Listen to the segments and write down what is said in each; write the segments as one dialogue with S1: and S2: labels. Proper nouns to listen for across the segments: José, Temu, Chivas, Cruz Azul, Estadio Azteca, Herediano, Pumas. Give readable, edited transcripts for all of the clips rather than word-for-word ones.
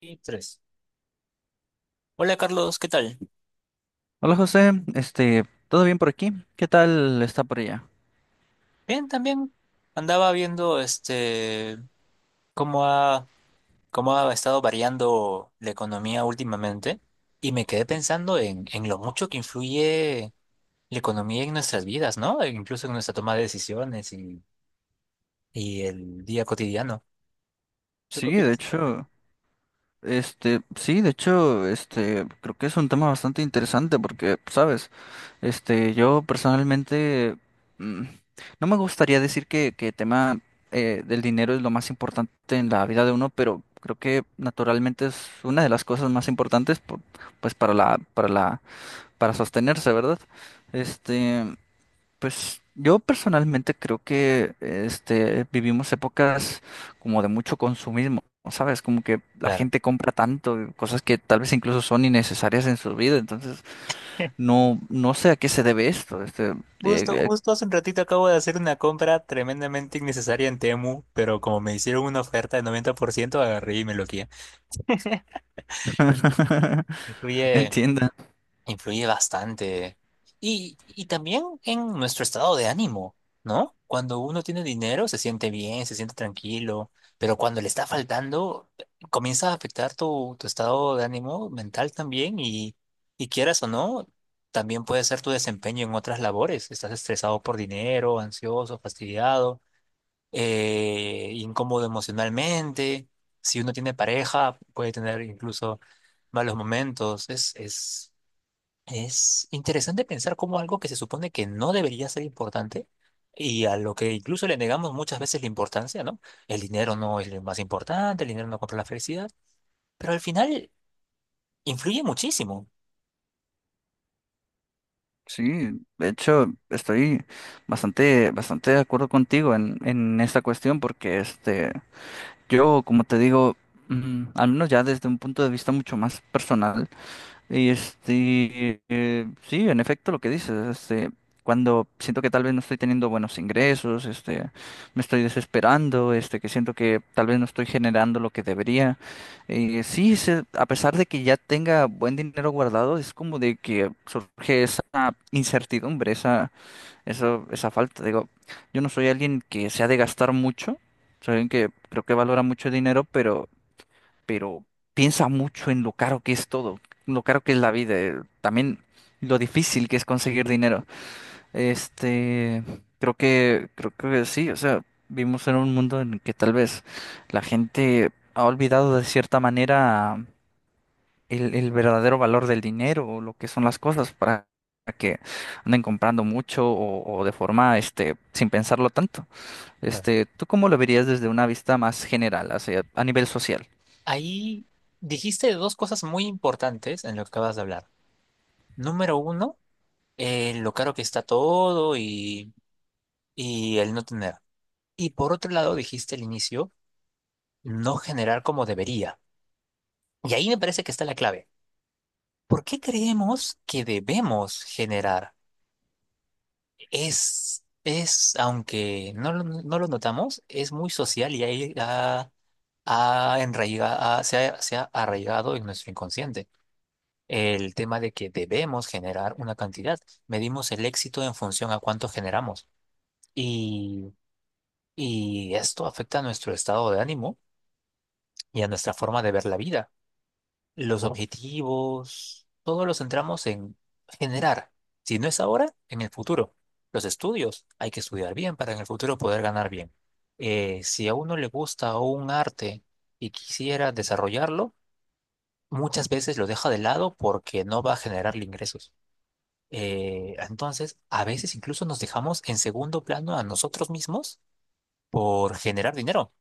S1: Y tres. Hola Carlos, ¿qué tal?
S2: Hola José, ¿todo bien por aquí? ¿Qué tal está por allá?
S1: Bien, también andaba viendo cómo ha, cómo ha estado variando la economía últimamente y me quedé pensando en lo mucho que influye la economía en nuestras vidas, ¿no? E incluso en nuestra toma de decisiones y el día cotidiano. ¿Tú qué
S2: Sí, de
S1: opinas?
S2: hecho, sí, de hecho, creo que es un tema bastante interesante porque, sabes, yo personalmente mm, no me gustaría decir que el tema del dinero es lo más importante en la vida de uno, pero creo que naturalmente es una de las cosas más importantes, pues para sostenerse, ¿verdad? Este. Pues yo personalmente creo que vivimos épocas como de mucho consumismo, ¿sabes? Como que la
S1: Claro.
S2: gente compra tanto, cosas que tal vez incluso son innecesarias en su vida, entonces no sé a qué se debe esto, eh, eh,
S1: Justo hace un ratito acabo de hacer una compra tremendamente innecesaria en Temu, pero como me hicieron una oferta de 90% agarré y me lo quité. Influye.
S2: entienda.
S1: Influye bastante. Y también en nuestro estado de ánimo, ¿no? Cuando uno tiene dinero, se siente bien, se siente tranquilo, pero cuando le está faltando, comienza a afectar tu estado de ánimo mental también y quieras o no, también puede ser tu desempeño en otras labores. Estás estresado por dinero, ansioso, fastidiado, incómodo emocionalmente. Si uno tiene pareja, puede tener incluso malos momentos. Es es interesante pensar cómo algo que se supone que no debería ser importante y a lo que incluso le negamos muchas veces la importancia, ¿no? El dinero no es lo más importante, el dinero no compra la felicidad, pero al final influye muchísimo.
S2: Sí, de hecho estoy bastante de acuerdo contigo en esta cuestión porque yo, como te digo, al menos ya desde un punto de vista mucho más personal, y sí, en efecto lo que dices, cuando siento que tal vez no estoy teniendo buenos ingresos, me estoy desesperando, que siento que tal vez no estoy generando lo que debería. Sí, a pesar de que ya tenga buen dinero guardado, es como de que surge esa incertidumbre, esa falta. Digo, yo no soy alguien que se ha de gastar mucho, soy alguien que creo que valora mucho el dinero, pero pero piensa mucho en lo caro que es todo, lo caro que es la vida, también lo difícil que es conseguir dinero. Este, creo que sí, o sea, vivimos en un mundo en el que tal vez la gente ha olvidado de cierta manera el verdadero valor del dinero o lo que son las cosas para que anden comprando mucho o de forma, sin pensarlo tanto.
S1: Claro.
S2: ¿Tú cómo lo verías desde una vista más general, hacia, a nivel social?
S1: Ahí dijiste dos cosas muy importantes en lo que acabas de hablar. Número uno, lo caro que está todo y el no tener. Y por otro lado, dijiste al inicio, no generar como debería. Y ahí me parece que está la clave. ¿Por qué creemos que debemos generar? Aunque no lo notamos, es muy social y ahí ha, ha enraiga- ha- se ha, se ha arraigado en nuestro inconsciente. El tema de que debemos generar una cantidad. Medimos el éxito en función a cuánto generamos. Y, y esto afecta a nuestro estado de ánimo y a nuestra forma de ver la vida. Los ¿no? objetivos, todos los centramos en generar. Si no es ahora, en el futuro. Los estudios, hay que estudiar bien para en el futuro poder ganar bien. Si a uno le gusta un arte y quisiera desarrollarlo, muchas veces lo deja de lado porque no va a generarle ingresos. Entonces, a veces incluso nos dejamos en segundo plano a nosotros mismos por generar dinero.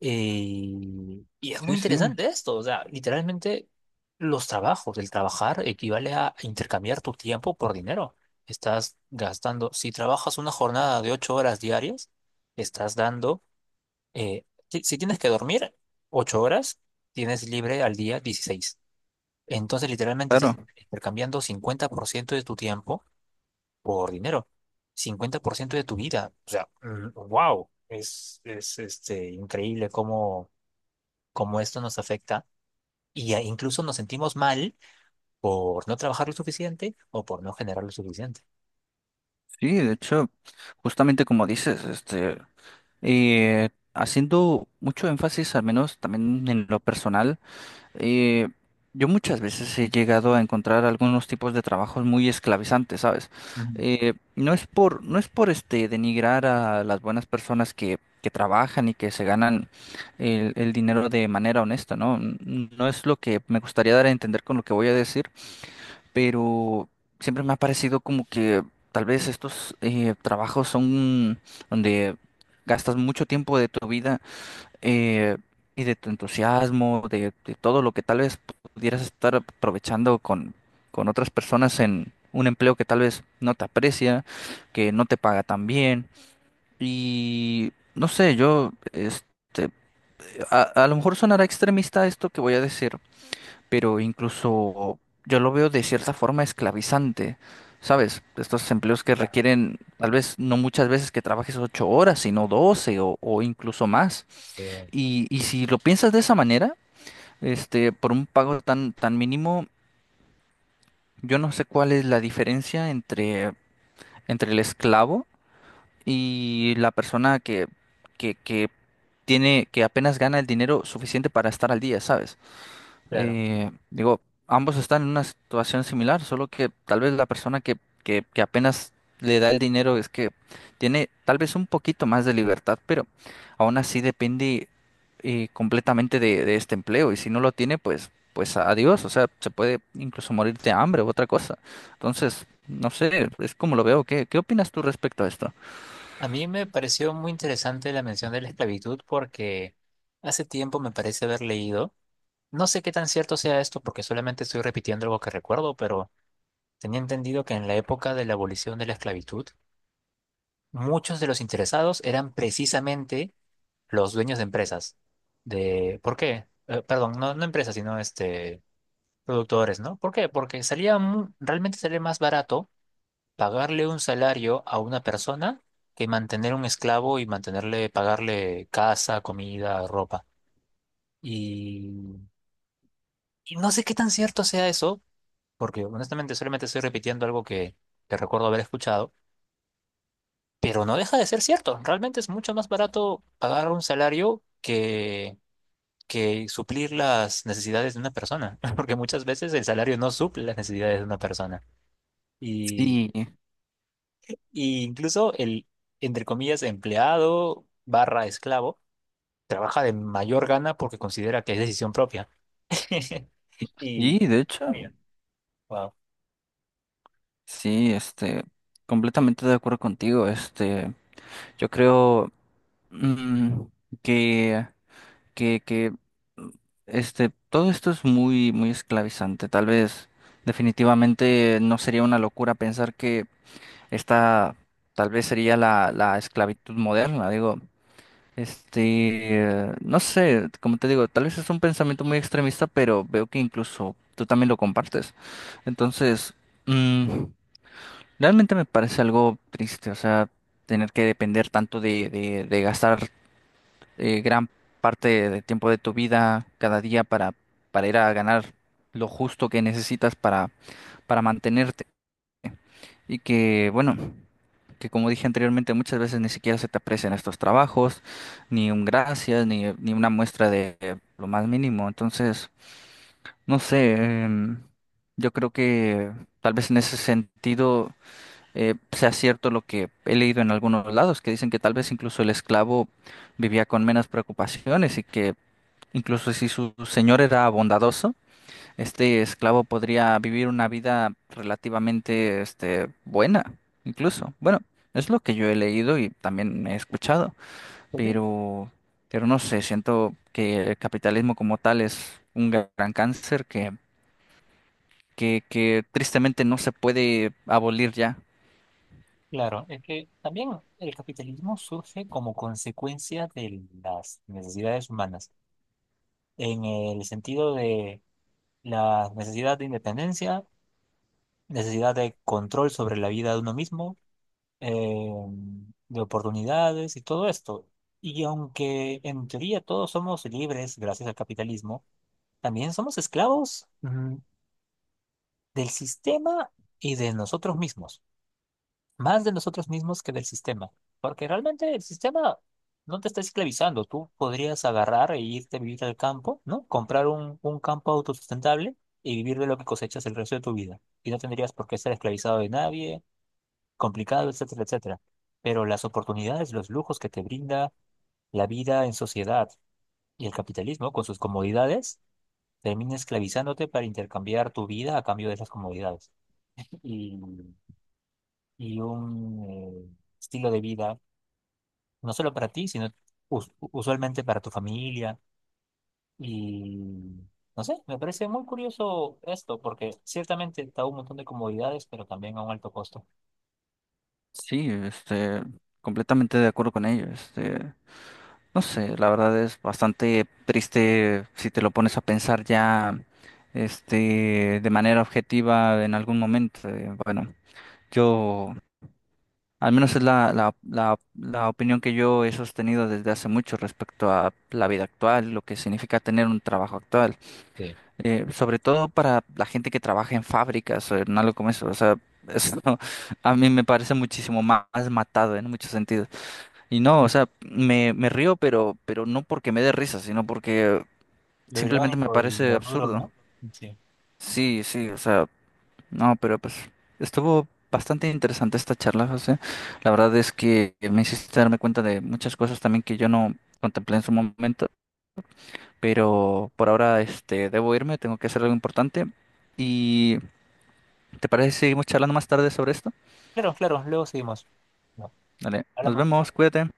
S1: Y es muy
S2: Sí, sí.
S1: interesante esto, o sea, literalmente los trabajos, el trabajar equivale a intercambiar tu tiempo por dinero. Estás gastando, si trabajas una jornada de 8 horas diarias, estás dando, eh, si tienes que dormir 8 horas, tienes libre al día 16. Entonces, literalmente
S2: Claro.
S1: estás intercambiando 50% de tu tiempo por dinero, 50% de tu vida. O sea, wow, increíble cómo esto nos afecta y e incluso nos sentimos mal por no trabajar lo suficiente o por no generar lo suficiente.
S2: Sí, de hecho, justamente como dices, eh, haciendo mucho énfasis, al menos también en lo personal, eh, yo muchas veces he llegado a encontrar algunos tipos de trabajos muy esclavizantes, ¿sabes?
S1: Ujú,
S2: No es por denigrar a las buenas personas que trabajan y que se ganan el dinero de manera honesta, ¿no? No es lo que me gustaría dar a entender con lo que voy a decir, pero siempre me ha parecido como que tal vez estos trabajos son donde gastas mucho tiempo de tu vida eh, y de tu entusiasmo, de todo lo que tal vez pudieras estar aprovechando con otras personas en un empleo que tal vez no te aprecia, que no te paga tan bien. Y no sé, a lo mejor sonará extremista esto que voy a decir, pero incluso yo lo veo de cierta forma esclavizante, ¿sabes? Estos empleos que
S1: claro,
S2: requieren tal vez no muchas veces que trabajes ocho horas, sino doce o incluso más.
S1: sí,
S2: Y si lo piensas de esa manera, por un pago tan mínimo, yo no sé cuál es la diferencia entre, entre el esclavo y la persona que tiene, que apenas gana el dinero suficiente para estar al día, ¿sabes?
S1: claro.
S2: Digo, ambos están en una situación similar, solo que tal vez la persona que apenas le da el dinero es que tiene tal vez un poquito más de libertad, pero aún así depende completamente de este empleo y si no lo tiene, pues, pues adiós, o sea, se puede incluso morir de hambre u otra cosa. Entonces, no sé, es como lo veo. ¿Qué, qué opinas tú respecto a esto?
S1: A mí me pareció muy interesante la mención de la esclavitud porque hace tiempo me parece haber leído, no sé qué tan cierto sea esto porque solamente estoy repitiendo algo que recuerdo, pero tenía entendido que en la época de la abolición de la esclavitud, muchos de los interesados eran precisamente los dueños de empresas. De, ¿por qué? Perdón, no empresas, sino productores, ¿no? ¿Por qué? Porque salía, realmente salía más barato pagarle un salario a una persona que mantener un esclavo y mantenerle, pagarle casa, comida, ropa. Y, y no sé qué tan cierto sea eso, porque honestamente solamente estoy repitiendo algo que recuerdo haber escuchado, pero no deja de ser cierto. Realmente es mucho más barato pagar un salario que suplir las necesidades de una persona, porque muchas veces el salario no suple las necesidades de una persona.
S2: Sí,
S1: Y incluso el, entre comillas, empleado barra esclavo trabaja de mayor gana porque considera que es decisión propia. Y,
S2: y de hecho,
S1: vaya, wow.
S2: sí, completamente de acuerdo contigo, yo creo... Mm, que, que, que, mm, todo esto es muy, muy esclavizante. Tal vez, definitivamente, no sería una locura pensar que esta, tal vez sería la esclavitud moderna. Digo, este, no sé, como te digo, tal vez es un pensamiento muy extremista, pero veo que incluso tú también lo compartes. Entonces, mm, realmente me parece algo triste, o sea, tener que depender tanto de gastar gran parte del tiempo de tu vida cada día para ir a ganar lo justo que necesitas para mantenerte. Y que, bueno, que como dije anteriormente, muchas veces ni siquiera se te aprecian estos trabajos, ni un gracias, ni una muestra de lo más mínimo. Entonces, no sé, yo creo que tal vez en ese sentido sea cierto lo que he leído en algunos lados, que dicen que tal vez incluso el esclavo vivía con menos preocupaciones y que incluso si su señor era bondadoso, este esclavo podría vivir una vida relativamente, buena, incluso. Bueno, es lo que yo he leído y también he escuchado,
S1: Pues sí,
S2: pero, pero no sé, siento que el capitalismo como tal es un gran cáncer que tristemente no se puede abolir ya.
S1: claro, es que también el capitalismo surge como consecuencia de las necesidades humanas, en el sentido de la necesidad de independencia, necesidad de control sobre la vida de uno mismo, eh, de oportunidades y todo esto. Y aunque en teoría todos somos libres gracias al capitalismo, también somos esclavos, del sistema y de nosotros mismos. Más de nosotros mismos que del sistema. Porque realmente el sistema no te está esclavizando. Tú podrías agarrar e irte a vivir al campo, ¿no? Comprar un campo autosustentable y vivir de lo que cosechas el resto de tu vida. Y no tendrías por qué estar esclavizado de nadie complicado, etcétera, etcétera. Pero las oportunidades, los lujos que te brinda la vida en sociedad y el capitalismo con sus comodidades, termina esclavizándote para intercambiar tu vida a cambio de esas comodidades. Y, y un estilo de vida, no solo para ti, sino usualmente para tu familia. Y no sé, me parece muy curioso esto, porque ciertamente está un montón de comodidades, pero también a un alto costo.
S2: Sí, completamente de acuerdo con ello. No sé, la verdad es bastante triste si te lo pones a pensar ya, de manera objetiva en algún momento. Bueno, yo, al menos es la opinión que yo he sostenido desde hace mucho respecto a la vida actual, lo que significa tener un trabajo actual.
S1: Sí.
S2: Sobre todo para la gente que trabaja en fábricas o en algo como eso. O sea, eso a mí me parece muchísimo más matado en muchos sentidos. Y no, o sea, me río, pero no porque me dé risa, sino porque
S1: Lo
S2: simplemente me
S1: irónico y
S2: parece
S1: lo duro,
S2: absurdo.
S1: ¿no? Sí.
S2: Sí, sí, o sea, no, pero pues estuvo bastante interesante esta charla, José. La verdad es que me hiciste darme cuenta de muchas cosas también que yo no contemplé en su momento, pero por ahora debo irme, tengo que hacer algo importante. ¿Y te parece si seguimos charlando más tarde sobre esto?
S1: Claro, claro, luego seguimos. Bueno,
S2: Dale, nos
S1: hablamos.
S2: vemos, cuídate.